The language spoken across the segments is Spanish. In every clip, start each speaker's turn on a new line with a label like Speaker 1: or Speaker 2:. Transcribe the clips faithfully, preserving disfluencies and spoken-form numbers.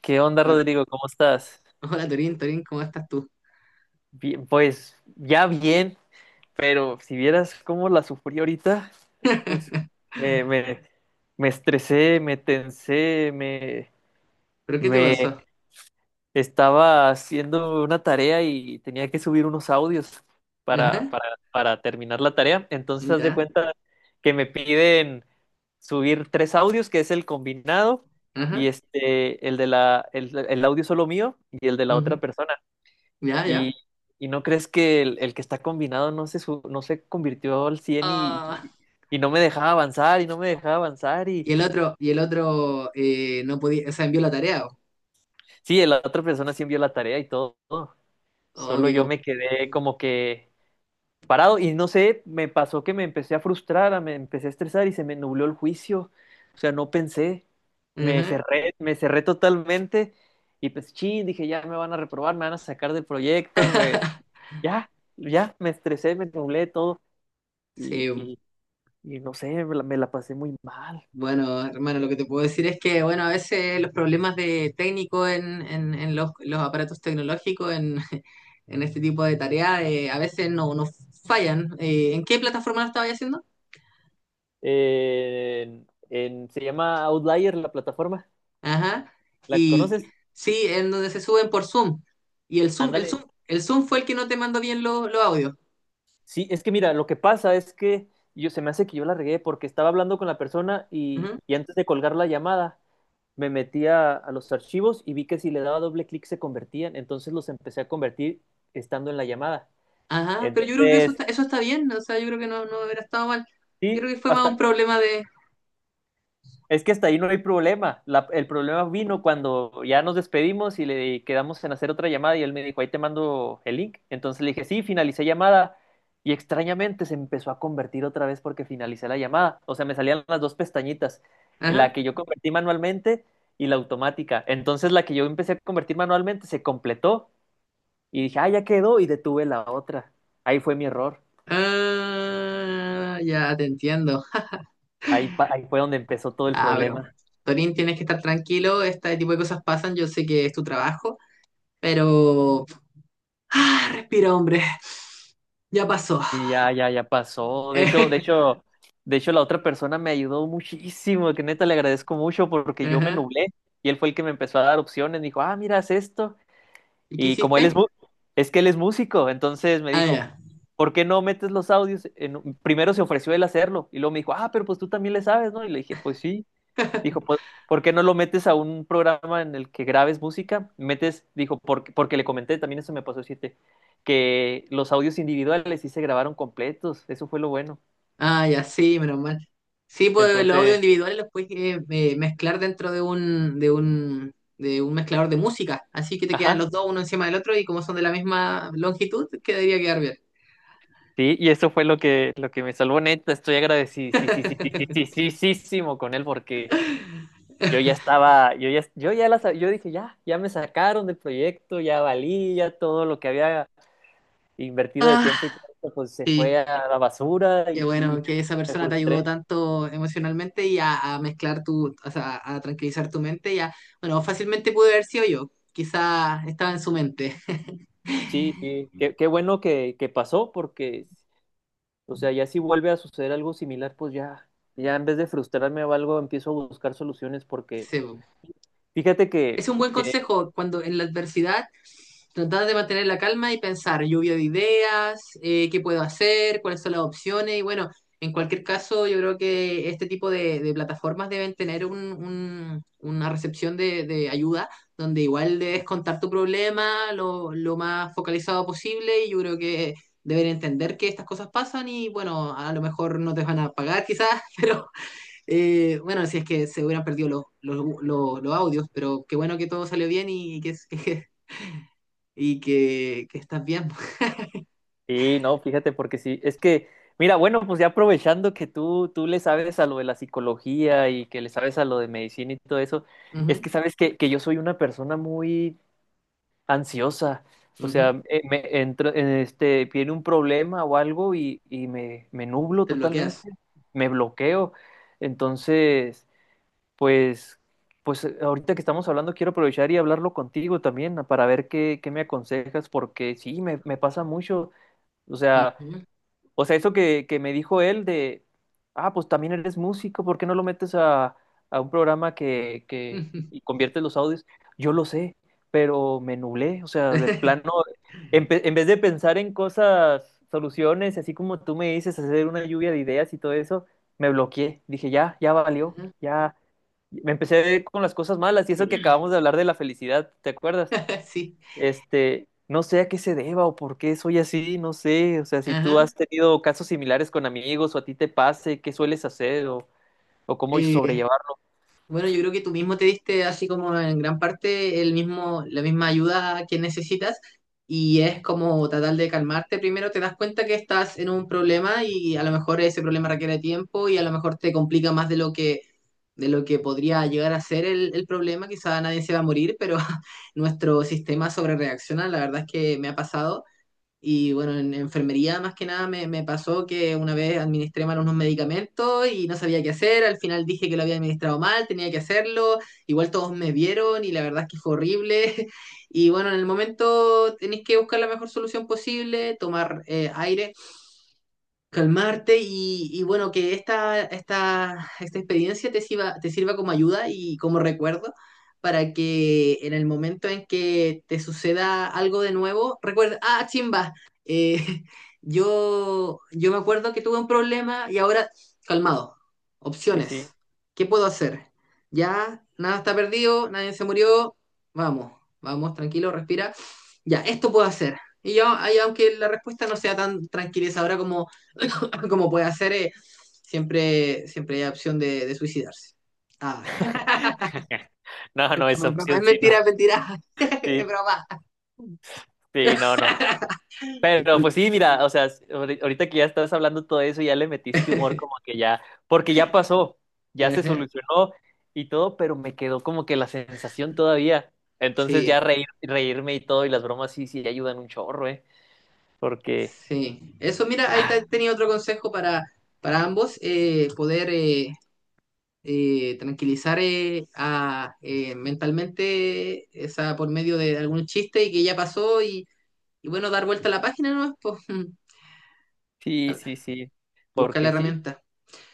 Speaker 1: ¿Qué onda,
Speaker 2: Hola,
Speaker 1: Rodrigo? ¿Cómo estás?
Speaker 2: hola, Torín, Torín, ¿cómo estás tú?
Speaker 1: Bien, pues ya bien, pero si vieras cómo la sufrí ahorita, hijo de su- me, me, me estresé, me tensé, me,
Speaker 2: ¿Pero qué te
Speaker 1: me
Speaker 2: pasó?
Speaker 1: estaba haciendo una tarea y tenía que subir unos audios para,
Speaker 2: Ajá,
Speaker 1: para, para terminar la tarea. Entonces, haz de
Speaker 2: ya,
Speaker 1: cuenta que me piden subir tres audios, que es el combinado, y
Speaker 2: ajá,
Speaker 1: este, el de la, el el audio solo mío y el de la otra
Speaker 2: ujú,
Speaker 1: persona.
Speaker 2: ya,
Speaker 1: ¿Y,
Speaker 2: ya.
Speaker 1: y no crees que el, el que está combinado no se, su- no se convirtió al cien y,
Speaker 2: Ah,
Speaker 1: y no me dejaba avanzar y no me dejaba avanzar?
Speaker 2: y
Speaker 1: Y
Speaker 2: el otro, y el otro eh, no podía, o sea, envió la tarea.
Speaker 1: sí, la otra persona sí envió la tarea y todo.
Speaker 2: Oh,
Speaker 1: Solo
Speaker 2: qué
Speaker 1: yo
Speaker 2: com-
Speaker 1: me quedé como que parado y no sé, me pasó que me empecé a frustrar, a- me empecé a estresar y se me nubló el juicio. O sea, no pensé. Me
Speaker 2: Ajá.
Speaker 1: cerré, me cerré totalmente y pues chin, dije, ya me van a reprobar, me van a sacar del proyecto, me, ya, ya, me estresé, me nublé todo. y
Speaker 2: Sí,
Speaker 1: Y, Y no sé, me la, me la pasé muy mal.
Speaker 2: bueno, hermano, lo que te puedo decir es que, bueno, a veces los problemas de técnico en, en, en los, los aparatos tecnológicos, en, en este tipo de tareas, eh, a veces no, no fallan. Eh, ¿en qué plataforma lo estabas haciendo?
Speaker 1: Eh, en- en- se llama Outlier la plataforma.
Speaker 2: Ajá.
Speaker 1: ¿La
Speaker 2: Y
Speaker 1: conoces?
Speaker 2: sí, en donde se suben por Zoom. Y el Zoom, el
Speaker 1: Ándale.
Speaker 2: Zoom, el Zoom fue el que no te mandó bien los los audios.
Speaker 1: Sí, es que mira, lo que pasa es que yo se me hace que yo la regué porque estaba hablando con la persona y,
Speaker 2: Ujú.
Speaker 1: y antes de colgar la llamada me metí a, a los archivos y vi que si le daba doble clic se convertían. Entonces los empecé a convertir estando en la llamada.
Speaker 2: Ajá, pero yo creo que eso
Speaker 1: Entonces,
Speaker 2: está, eso está bien, o sea, yo creo que no, no hubiera estado mal. Yo
Speaker 1: sí,
Speaker 2: creo que fue más un
Speaker 1: hasta
Speaker 2: problema de...
Speaker 1: es que hasta ahí no hay problema. La- el problema vino cuando ya nos despedimos y le quedamos en hacer otra llamada y él me dijo, ahí te mando el link. Entonces le dije, sí, finalicé llamada y extrañamente se empezó a convertir otra vez porque finalicé la llamada. O sea, me salían las dos pestañitas, la
Speaker 2: Ajá.
Speaker 1: que yo convertí manualmente y la automática. Entonces la que yo empecé a convertir manualmente se completó y dije, ah, ya quedó y detuve la otra. Ahí fue mi error.
Speaker 2: Ah, ya te entiendo.
Speaker 1: Ahí, pa- ahí fue donde empezó todo el
Speaker 2: Ah, bro.
Speaker 1: problema.
Speaker 2: Torín, tienes que estar tranquilo, este tipo de cosas pasan, yo sé que es tu trabajo, pero... Ah, respira, hombre, ya pasó.
Speaker 1: Y ya, ya, ya pasó. De hecho, de hecho, de hecho, la otra persona me ayudó muchísimo, que neta le agradezco mucho porque yo me
Speaker 2: Ajá.
Speaker 1: nublé y él fue el que me empezó a dar opciones. Me dijo, ah, mira, haz esto.
Speaker 2: ¿Y qué
Speaker 1: Y como él es,
Speaker 2: hiciste?
Speaker 1: mu- es que él es músico, entonces me
Speaker 2: Ah,
Speaker 1: dijo,
Speaker 2: ya.
Speaker 1: ¿por qué no metes los audios? en un-?" Primero se ofreció él hacerlo y luego me dijo, ah, pero pues tú tamén le sabes, ¿no? Y le dije, pues sí. Dijo, "Po- ¿por qué no lo metes a un programa en el que grabes música? Metes, dijo, porque, porque le comenté, también eso me pasó, siete, que los audios individuales sí se grabaron completos, eso fue lo bueno.
Speaker 2: Ah, ya, sí, menos mal. Sí, pues los audios
Speaker 1: Entonces,
Speaker 2: individuales los puedes eh, eh, mezclar dentro de un, de un, de un mezclador de música. Así que te quedan
Speaker 1: ajá,
Speaker 2: los dos uno encima del otro y como son de la misma longitud, quedaría quedar bien.
Speaker 1: sí, y eso fue lo que, lo que me salvó, neta, estoy agradecidísimo con él porque yo ya estaba, yo ya, yo ya las, yo dije, ya, ya me sacaron del proyecto, ya valí, ya todo lo que había invertido de tiempo y
Speaker 2: Ah,
Speaker 1: todo, pues se
Speaker 2: sí.
Speaker 1: fue a la basura
Speaker 2: Qué
Speaker 1: y
Speaker 2: bueno
Speaker 1: y
Speaker 2: que esa
Speaker 1: me
Speaker 2: persona te ayudó
Speaker 1: frustré.
Speaker 2: tanto emocionalmente y a, a mezclar tu, o sea, a tranquilizar tu mente y a, bueno, fácilmente pude haber sido yo. Quizá estaba en su mente.
Speaker 1: Sí, sí, qué, qué bueno que, que pasó porque, o sea, ya si vuelve a suceder algo similar, pues ya, ya en vez de frustrarme o algo, empiezo a buscar soluciones porque,
Speaker 2: Sí, po.
Speaker 1: fíjate que,
Speaker 2: Es un buen
Speaker 1: que,
Speaker 2: consejo cuando en la adversidad. Tratar de mantener la calma y pensar, lluvia de ideas, eh, qué puedo hacer, cuáles son las opciones. Y bueno, en cualquier caso, yo creo que este tipo de, de plataformas deben tener un, un- una recepción de, de ayuda, donde igual debes contar tu problema lo, lo más focalizado posible. Y yo creo que deben entender que estas cosas pasan y bueno, a lo mejor no te van a pagar quizás, pero eh, bueno, si es que se hubieran perdido los, los, los- los audios, pero qué bueno que todo salió bien y que, que y que, que estás bien.
Speaker 1: sí, no, fíjate porque sí, es que, mira, bueno, pues ya aprovechando que tú, tú le sabes a lo de la psicología y que le sabes a lo de medicina y todo eso, es
Speaker 2: Ujú,
Speaker 1: que sabes que, que yo soy una persona muy, ansiosa. O
Speaker 2: ujú.
Speaker 1: sea, eh, me entra, en este, viene un problema o algo y, y me, me nublo
Speaker 2: Te
Speaker 1: totalmente,
Speaker 2: bloqueas.
Speaker 1: me bloqueo. Entonces, pues, pues eh, ahorita que estamos hablando, quiero aprovechar y hablarlo contigo también ah, para ver qué, qué me aconsejas, porque sí, me, me pasa mucho. O sea,
Speaker 2: Ujú,
Speaker 1: o sea, eso que, que me dijo él de, ah, pues también eres músico, ¿por qué no lo metes a, a un programa que, que
Speaker 2: ujú.
Speaker 1: y conviertes los audios? Yo lo sé, pero me nublé, o sea, de plano, en, en vez de pensar en cosas, soluciones, así como tú me dices, hacer una lluvia de ideas y todo eso, me bloqueé. Dije, ya, ya valió, ya. Me empecé con las cosas malas y eso que acabamos de hablar de la felicidad, ¿te acuerdas?
Speaker 2: Sí.
Speaker 1: Este, no sé a qué se deba o por qué soy así, no sé. O sea, si tú
Speaker 2: Ajá.
Speaker 1: has tenido casos similares con amigos o a ti te pase, ¿qué sueles hacer o, o cómo
Speaker 2: Eh,
Speaker 1: sobrellevar?
Speaker 2: Bueno, yo creo que tú mismo te diste así como en gran parte el mismo, la misma ayuda que necesitas y es como tratar de calmarte. Primero te das cuenta que estás en un problema y a lo mejor ese problema requiere tiempo y a lo mejor te complica más de lo que, de lo que podría llegar a ser el, el problema. Quizá nadie se va a morir, pero nuestro sistema sobrereacciona. La verdad es que me ha pasado. Y bueno, en enfermería más que nada me, me pasó que una vez administré mal unos medicamentos y no sabía qué hacer. Al final dije que lo había administrado mal, tenía que hacerlo. Igual todos me vieron y la verdad es que fue horrible. Y bueno, en el momento tenéis que buscar la mejor solución posible, tomar eh, aire, calmarte y, y bueno, que esta, esta, esta experiencia te sirva, te sirva como ayuda y como recuerdo para que en el momento en que te suceda algo de nuevo, recuerda, ah, chimba, eh, yo, yo me acuerdo que tuve un problema y ahora, calmado,
Speaker 1: Sí,
Speaker 2: opciones,
Speaker 1: sí.
Speaker 2: ¿qué puedo hacer? Ya, nada está perdido, nadie se murió, vamos, vamos, tranquilo, respira, ya, esto puedo hacer. Y yo, ahí, aunque la respuesta no sea tan tranquilizadora como como puede hacer, eh, siempre, siempre hay opción de, de suicidarse. Ah,
Speaker 1: No,
Speaker 2: es
Speaker 1: no, esa opción sí, no.
Speaker 2: mentira, es mentira.
Speaker 1: Sí,
Speaker 2: Es broma.
Speaker 1: sí, no, no. Pero
Speaker 2: Disculpe.
Speaker 1: pues sí, mira, o sea, ahori- ahorita que ya estás hablando todo eso, ya le metiste humor como que ya, porque ya pasó, ya se
Speaker 2: Ajá,
Speaker 1: solucionó y todo, pero me quedó como que la sensación todavía. Entonces ya
Speaker 2: sí,
Speaker 1: reír, reírme y todo y las bromas sí, sí ayudan un chorro, ¿eh? Porque
Speaker 2: sí. Eso, mira, ahí te-
Speaker 1: Ah,
Speaker 2: tenía otro consejo para, para ambos, eh, poder eh, eh, tranquilizar eh, a, eh, mentalmente esa, por medio de algún chiste y que ya pasó y, y bueno, dar vuelta a la página, ¿no? Pues,
Speaker 1: sí, sí, sí.
Speaker 2: buscar la
Speaker 1: Porque sí,
Speaker 2: herramienta.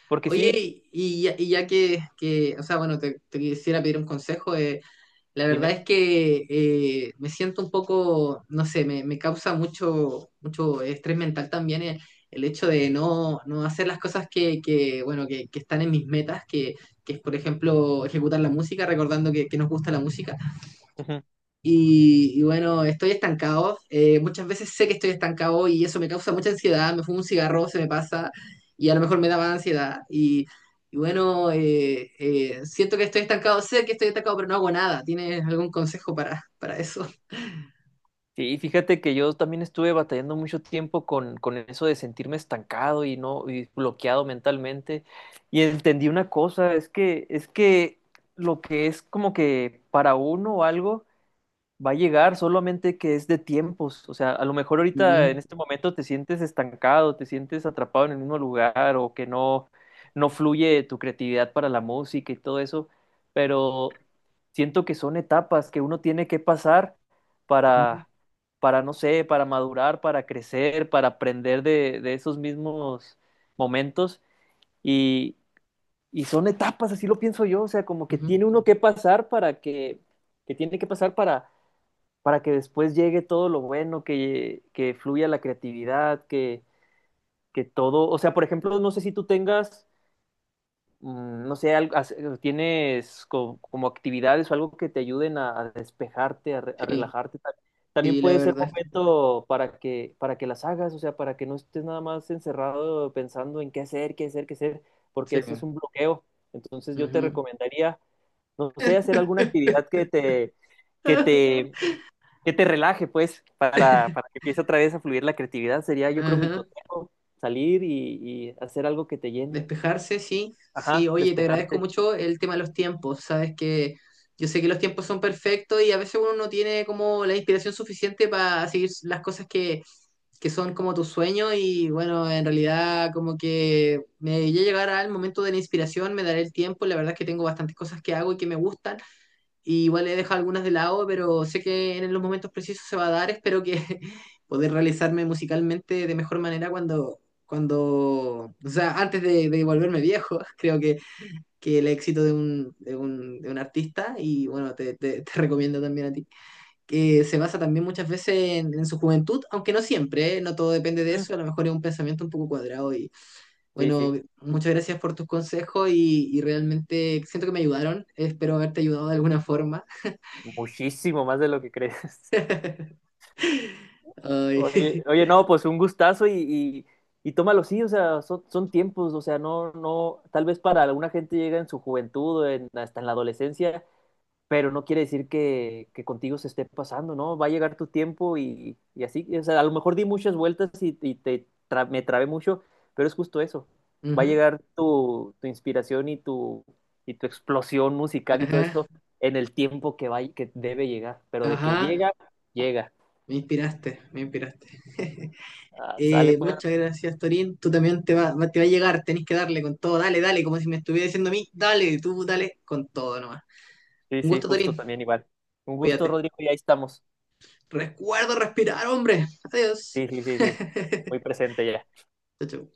Speaker 1: Porque
Speaker 2: Oye,
Speaker 1: sí,
Speaker 2: y y ya, y ya que, que, o sea, bueno, te, te quisiera pedir un consejo. Eh, la verdad
Speaker 1: dime.
Speaker 2: es que eh, me siento un poco, no sé, me, me causa mucho, mucho estrés mental también el, el hecho de no, no hacer las cosas que, que, bueno, que, que están en mis metas, que, que es, por ejemplo, ejecutar la música, recordando que, que nos gusta la música.
Speaker 1: Ujú.
Speaker 2: Y, y bueno, estoy estancado. Eh, muchas veces sé que estoy estancado y eso me causa mucha ansiedad. Me fumo un cigarro, se me pasa y a lo mejor me da más ansiedad. Y, y bueno, eh, eh, siento que estoy estancado, sé que estoy estancado, pero no hago nada. ¿Tienes algún consejo para, para eso?
Speaker 1: Sí, fíjate que yo también estuve batallando mucho tiempo con, con eso de sentirme estancado y no y bloqueado mentalmente. Y entendí una cosa, es que, es que lo que es como que para uno algo. Va a llegar, solamente que es de tiempos. O sea, a lo mejor ahorita
Speaker 2: Ujú,
Speaker 1: en este momento te sientes estancado, te sientes atrapado en el mismo lugar o que no, no fluye tu creatividad para la música y todo eso, pero siento que son etapas que uno tiene que pasar
Speaker 2: ujú,
Speaker 1: para, para no sé, para madurar, para crecer, para aprender de, de esos mismos momentos y, y son etapas, así lo pienso yo. O sea, como que
Speaker 2: ujú.
Speaker 1: tiene uno que pasar para que, que tiene que pasar para para que después llegue todo lo bueno, que, que fluya la creatividad, que, que todo, o sea, por ejemplo, no sé si tú tengas, mm, no sé, algo, as- tienes co- como, actividades o algo que te ayuden a, a despejarte, a, re- a
Speaker 2: Sí,
Speaker 1: relajarte. Ta- También
Speaker 2: sí, la
Speaker 1: puede ser
Speaker 2: verdad.
Speaker 1: momento para que, para que las hagas, o sea, para que no estés nada más encerrado pensando en qué hacer, qué hacer, qué hacer, porque ese es un bloqueo. Entonces
Speaker 2: Sí.
Speaker 1: yo te
Speaker 2: Ujú.
Speaker 1: recomendaría, no sé, hacer alguna actividad que te, que te, que te relaje, pues, para, para que empiece otra vez a fluir la creatividad. Sería, yo creo, mi
Speaker 2: Ajá.
Speaker 1: consejo, salir y, y hacer algo que te llene.
Speaker 2: Despejarse, sí, sí.
Speaker 1: Ajá,
Speaker 2: Oye, te agradezco
Speaker 1: despejarte.
Speaker 2: mucho el tema de los tiempos. Sabes que yo sé que los tiempos son perfectos y a veces uno no tiene como la inspiración suficiente para seguir las cosas que, que son como tus sueños y bueno, en realidad como que me ya llegará el momento de la inspiración, me daré el tiempo. La verdad es que tengo bastantes cosas que hago y que me gustan y igual he dejado algunas de lado, pero sé que en los momentos precisos se va a dar. Espero que poder realizarme musicalmente de mejor manera cuando, cuando, o sea, antes de, de volverme viejo. Creo que, que el éxito de un, de un, de un artista, y bueno, te, te- te recomiendo también a ti, que se basa también muchas veces en, en su juventud, aunque no siempre, ¿eh? No todo depende de
Speaker 1: Mm,
Speaker 2: eso, a lo mejor es un pensamiento un poco cuadrado y
Speaker 1: sí,
Speaker 2: bueno,
Speaker 1: sí,
Speaker 2: muchas gracias por tus consejos y, y realmente siento que me ayudaron, espero haberte ayudado de alguna forma.
Speaker 1: muchísimo más de lo que crees.
Speaker 2: Ay,
Speaker 1: Oye, oye, no, pues un gustazo y, y, y tómalo, sí, o sea, son, son tiempos, o sea, no, no, tal vez para alguna gente llega en su juventud, en- hasta en la adolescencia, pero no quiere decir que, que contigo se esté pasando, ¿no? Va a llegar tu tiempo y, y así, o sea, a lo mejor di muchas vueltas y, y te tra- me trabé mucho, pero es justo eso, va a
Speaker 2: ujú,
Speaker 1: llegar tu, tu inspiración y tu, y tu explosión musical y todo
Speaker 2: ajá,
Speaker 1: eso en el tiempo que, va, que debe llegar, pero de que
Speaker 2: ajá,
Speaker 1: llega, llega.
Speaker 2: me inspiraste, me inspiraste.
Speaker 1: Ah, sale
Speaker 2: Eh,
Speaker 1: pues.
Speaker 2: muchas gracias, Torín. Tú también te va, va- te va a llegar, tenés que darle con todo, dale, dale, como si me estuviera diciendo a mí, dale, tú dale con todo nomás.
Speaker 1: Sí,
Speaker 2: Un
Speaker 1: sí,
Speaker 2: gusto,
Speaker 1: justo
Speaker 2: Torín,
Speaker 1: también igual. Un gusto,
Speaker 2: cuídate.
Speaker 1: Rodrigo, y ahí estamos.
Speaker 2: Recuerdo respirar, hombre. Adiós.
Speaker 1: Sí, sí, sí, sí. Muy presente ya.
Speaker 2: Chau, chau.